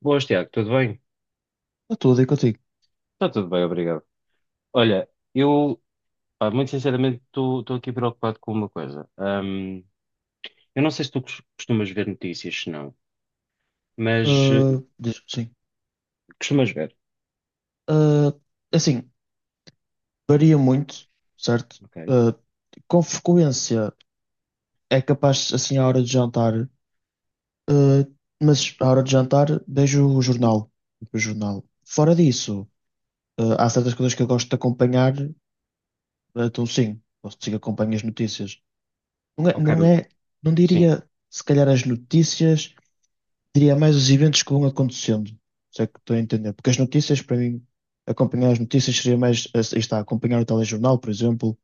Boas, Tiago, tudo bem? Está tudo aí contigo. Está tudo bem, obrigado. Olha, eu, pá, muito sinceramente, estou aqui preocupado com uma coisa. Eu não sei se tu costumas ver notícias, se não, mas Ah, diz sim. costumas ver, Ah, assim, varia muito, certo? ok? Ah, com frequência é capaz, assim, à hora de jantar, ah, mas à hora de jantar vejo o jornal. Tipo, o jornal. Fora disso, há certas coisas que eu gosto de acompanhar, então sim, posso dizer que acompanho as notícias. Não é, Ok. não é, não Sim, diria se calhar as notícias. Diria mais os eventos que vão acontecendo, se é que estou a entender. Porque as notícias, para mim, acompanhar as notícias seria mais, aí está, acompanhar o telejornal, por exemplo,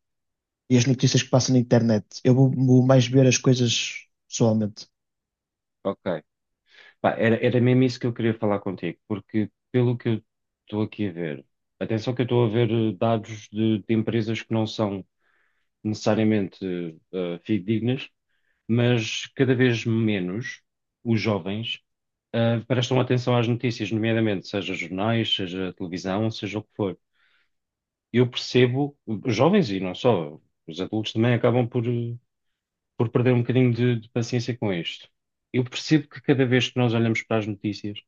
e as notícias que passam na internet. Eu vou mais ver as coisas pessoalmente. ok. Pá, era mesmo isso que eu queria falar contigo, porque pelo que eu estou aqui a ver, atenção que eu estou a ver dados de empresas que não são necessariamente fidedignas, mas cada vez menos os jovens prestam atenção às notícias, nomeadamente seja jornais, seja televisão, seja o que for. Eu percebo, os jovens e não só, os adultos também acabam por perder um bocadinho de paciência com isto. Eu percebo que cada vez que nós olhamos para as notícias,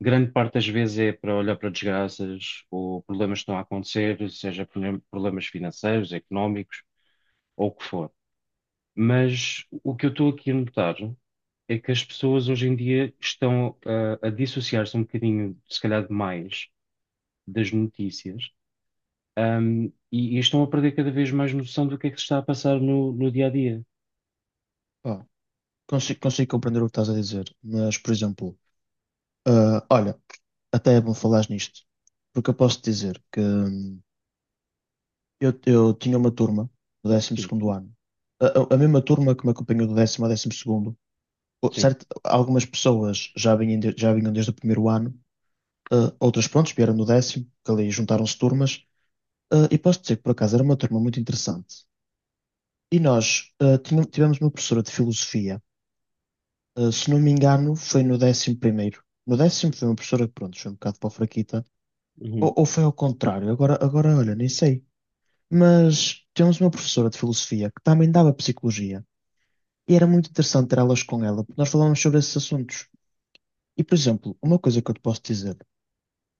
grande parte das vezes é para olhar para desgraças ou problemas que estão a acontecer, seja problemas financeiros, económicos ou o que for. Mas o que eu estou aqui a notar é que as pessoas hoje em dia estão a dissociar-se um bocadinho, se calhar demais, das notícias, e estão a perder cada vez mais noção do que é que se está a passar no dia a dia. Pá, consigo compreender o que estás a dizer, mas, por exemplo, olha, até é bom falares nisto, porque eu posso dizer que eu tinha uma turma do Sim, 12º ano, a, a mesma turma que me acompanhou do 10º ao 12º, sim. certo, algumas pessoas já vinham, já vinham desde o primeiro ano, outras, prontos, vieram no 10º, que ali juntaram-se turmas. E posso dizer que, por acaso, era uma turma muito interessante. E nós tivemos uma professora de filosofia, se não me engano, foi no 11º. No décimo foi uma professora que, pronto, foi um bocado para a fraquita, Uhum, ou foi ao contrário, agora, olha, nem sei. Mas tínhamos uma professora de filosofia que também dava psicologia, e era muito interessante ter aulas com ela, porque nós falávamos sobre esses assuntos. E, por exemplo, uma coisa que eu te posso dizer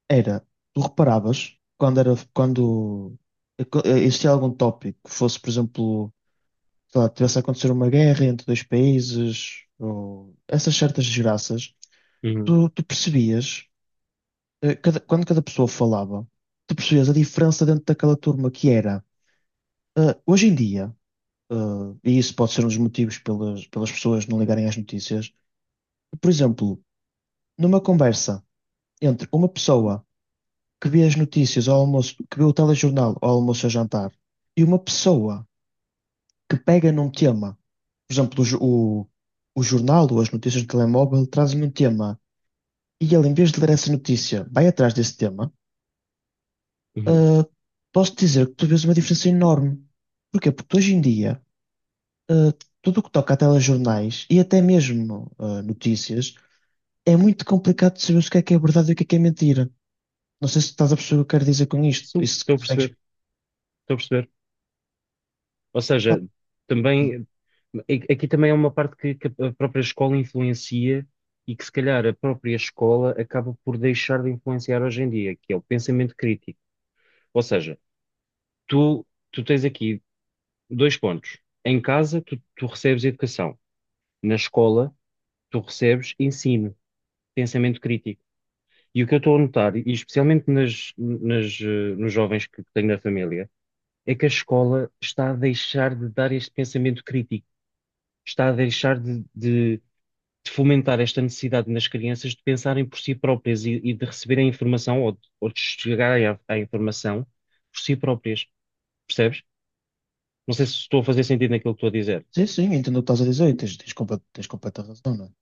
era, tu reparavas, quando existia algum tópico que fosse, por exemplo, sei lá, tivesse a acontecer uma guerra entre dois países, ou essas certas desgraças, uhum, tu percebias, quando cada pessoa falava, tu percebias a diferença dentro daquela turma que era. Hoje em dia, eh, e isso pode ser um dos motivos pelas pessoas não ligarem às notícias, por exemplo, numa conversa entre uma pessoa que vê as notícias ao almoço, que vê o telejornal ao almoço a jantar, e uma pessoa que pega num tema, por exemplo, o jornal ou as notícias do telemóvel trazem um tema, e ele, em vez de ler essa notícia, vai atrás desse tema. uhum. ah, Posso dizer que tu vês uma diferença enorme. Porquê? Porque hoje em dia, ah, tudo o que toca a telejornais e até mesmo notícias, é muito complicado de saber o que é verdade e o que é mentira. Não sei se estás a perceber o que eu quero dizer com isto. Sim, Isso estou a consegues. perceber, estou a perceber. Ou Ah, seja, sim. também, aqui também é uma parte que a própria escola influencia e que se calhar a própria escola acaba por deixar de influenciar hoje em dia, que é o pensamento crítico. Ou seja, Tu, tu tens aqui dois pontos. Em casa, tu recebes educação. Na escola, tu recebes ensino, pensamento crítico. E o que eu estou a notar, e especialmente nas, nos jovens que tenho na família, é que a escola está a deixar de dar este pensamento crítico, está a deixar de fomentar esta necessidade nas crianças de pensarem por si próprias e de receberem informação ou de chegarem à informação por si próprias. Percebes? Não sei se estou a fazer sentido naquilo que estou a dizer. Sim, sim, entendo o que estás a dizer e tens completa razão, não é?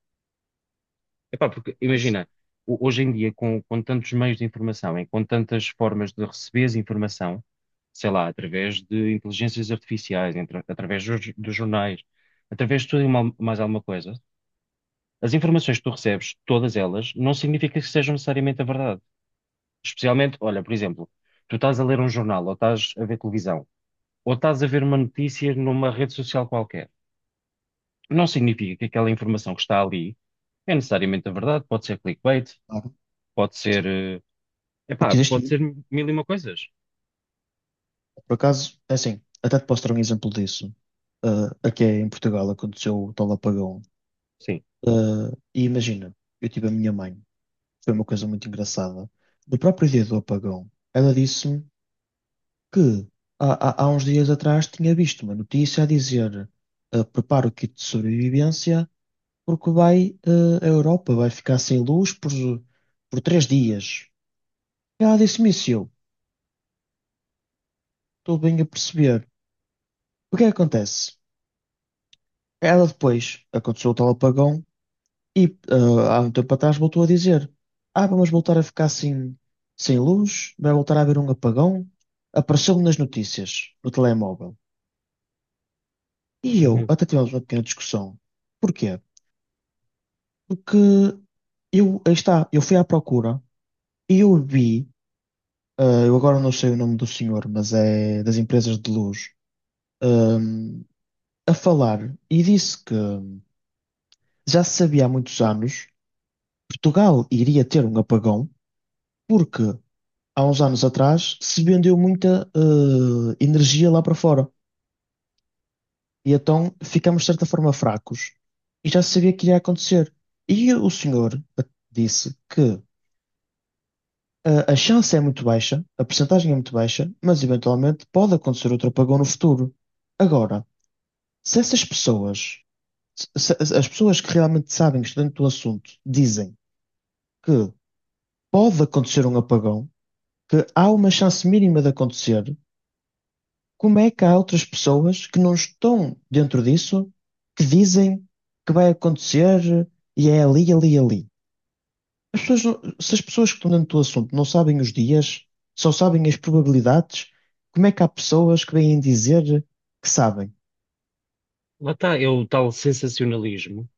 Epá, porque Isso, imagina, hoje em dia, com tantos meios de informação e com tantas formas de receberes informação, sei lá, através de inteligências artificiais, através dos jornais, através de tudo e mais alguma coisa, as informações que tu recebes, todas elas, não significa que sejam necessariamente a verdade. Especialmente, olha, por exemplo, tu estás a ler um jornal, ou estás a ver televisão, ou estás a ver uma notícia numa rede social qualquer. Não significa que aquela informação que está ali é necessariamente a verdade, pode ser clickbait, claro. pode ser, Sim. O que existe pode ser muito, mil e uma coisas. por acaso, é assim, até te posso dar um exemplo disso. Ah, aqui em Portugal aconteceu o tal apagão. Sim. Ah, e imagina, eu tive a minha mãe, foi uma coisa muito engraçada. No próprio dia do apagão, ela disse-me que há uns dias atrás tinha visto uma notícia a dizer: prepara o kit de sobrevivência, porque a Europa vai ficar sem luz por 3 dias. Ela disse-me isso e eu. Estou bem a perceber. O que é que acontece? Ela depois aconteceu o tal apagão e há um tempo atrás voltou a dizer: Ah, vamos voltar a ficar sem luz, vai voltar a haver um apagão. Apareceu-me nas notícias, no telemóvel. E eu Uhum. até tivemos uma pequena discussão. Porquê? Porque eu, aí está, eu fui à procura e eu vi, eu agora não sei o nome do senhor, mas é das empresas de luz, ah, a falar e disse que já se sabia há muitos anos que Portugal iria ter um apagão, porque há uns anos atrás se vendeu muita energia lá para fora. E então ficamos de certa forma fracos. E já se sabia que iria acontecer. E o senhor disse que a chance é muito baixa, a percentagem é muito baixa, mas eventualmente pode acontecer outro apagão no futuro. Agora, se essas pessoas, as pessoas que realmente sabem, que estão dentro do assunto, dizem que pode acontecer um apagão, que há uma chance mínima de acontecer, como é que há outras pessoas que não estão dentro disso que dizem que vai acontecer e é ali, ali, ali? As pessoas se as pessoas que estão dentro do assunto não sabem os dias, só sabem as probabilidades, como é que há pessoas que vêm dizer que sabem? Lá está, é o tal sensacionalismo,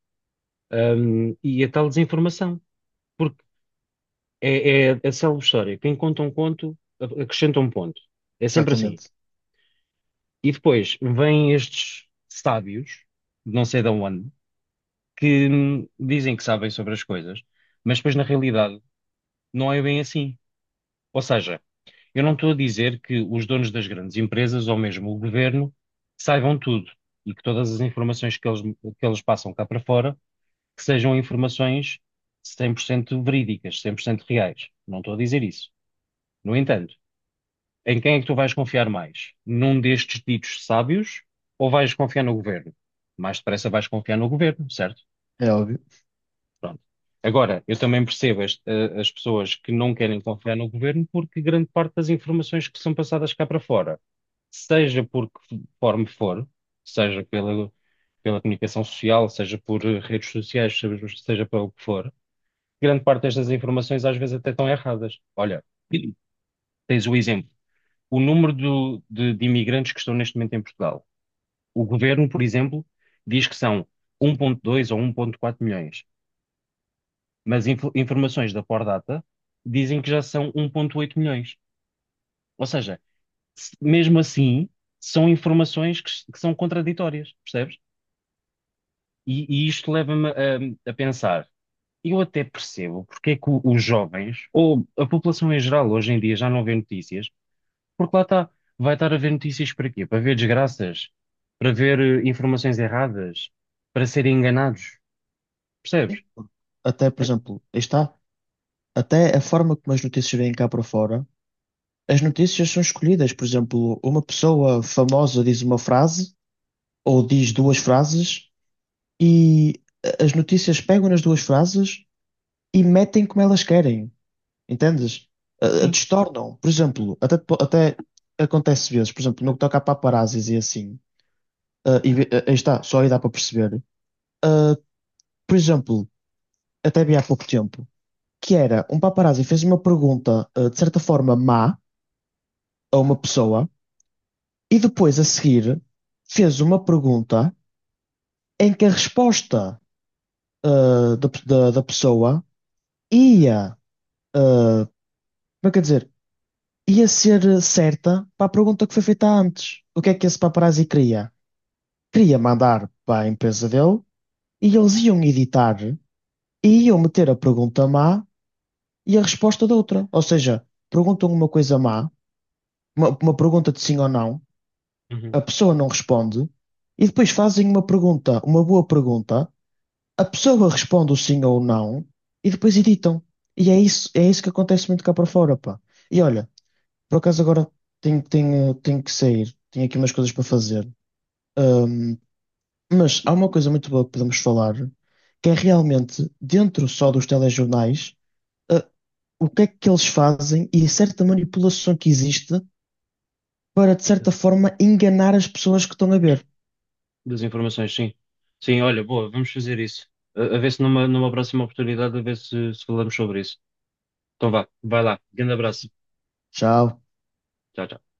e a tal desinformação. Porque é a célebre história. Quem conta um conto, acrescenta um ponto. É sempre assim. Exatamente, E depois vêm estes sábios, não sei de onde, que dizem que sabem sobre as coisas, mas depois na realidade não é bem assim. Ou seja, eu não estou a dizer que os donos das grandes empresas ou mesmo o governo saibam tudo e que todas as informações que eles, passam cá para fora que sejam informações 100% verídicas, 100% reais. Não estou a dizer isso. No entanto, em quem é que tu vais confiar mais? Num destes ditos sábios ou vais confiar no governo? Mais depressa vais confiar no governo, certo? é óbvio. Pronto. Agora, eu também percebo as pessoas que não querem confiar no governo porque grande parte das informações que são passadas cá para fora seja por que forma for, seja pela comunicação social, seja por redes sociais, seja pelo que for, grande parte destas informações às vezes até estão erradas. Olha, tens o exemplo, o número de imigrantes que estão neste momento em Portugal. O governo, por exemplo, diz que são 1,2 ou 1,4 milhões, mas informações da Pordata dizem que já são 1,8 milhões. Ou seja, mesmo assim, são informações que são contraditórias, percebes? E e isto leva-me a pensar, eu até percebo porque é que os jovens, ou a população em geral, hoje em dia já não vê notícias, porque lá está, vai estar a ver notícias para quê? Para ver desgraças, para ver informações erradas, para serem enganados, E, percebes? Até, por Eh, exemplo, aí está, até a forma como as notícias vêm cá para fora, as notícias são escolhidas. Por exemplo, uma pessoa famosa diz uma frase ou diz duas frases e as notícias pegam nas duas frases e metem como elas querem, entendes? A Sim. Distornam, por exemplo, até, até acontece vezes, por exemplo, no que toca a paparazzis e assim, e, aí está, só aí dá para perceber. Ah, por exemplo, até vi há pouco tempo, que era um paparazzi fez uma pergunta, de certa forma má a uma pessoa e depois a seguir fez uma pergunta em que a resposta da pessoa ia, ah, como é que eu ia dizer, ia ser certa para a pergunta que foi feita antes. O que é que esse paparazzi queria? Queria mandar para a empresa dele e eles iam editar e iam meter a pergunta má e a resposta da outra. Ou seja, perguntam uma coisa má, uma pergunta de sim ou não, Uhum. a pessoa não responde e depois fazem uma pergunta, uma boa pergunta, a pessoa responde o sim ou o não e depois editam. E é isso que acontece muito cá para fora, pá. E olha, por acaso agora tenho que sair, tenho aqui umas coisas para fazer. Ahm, mas há uma coisa muito boa que podemos falar, que é realmente, dentro só dos telejornais, ah, o que é que eles fazem e a certa manipulação que existe para, de certa forma, enganar as pessoas que estão a ver. Das informações, sim. Sim, olha, boa, vamos fazer isso. A a ver se numa próxima oportunidade, a ver se falamos sobre isso. Então vá, vai lá, grande abraço. Fantástico. Tchau. Tchau, tchau.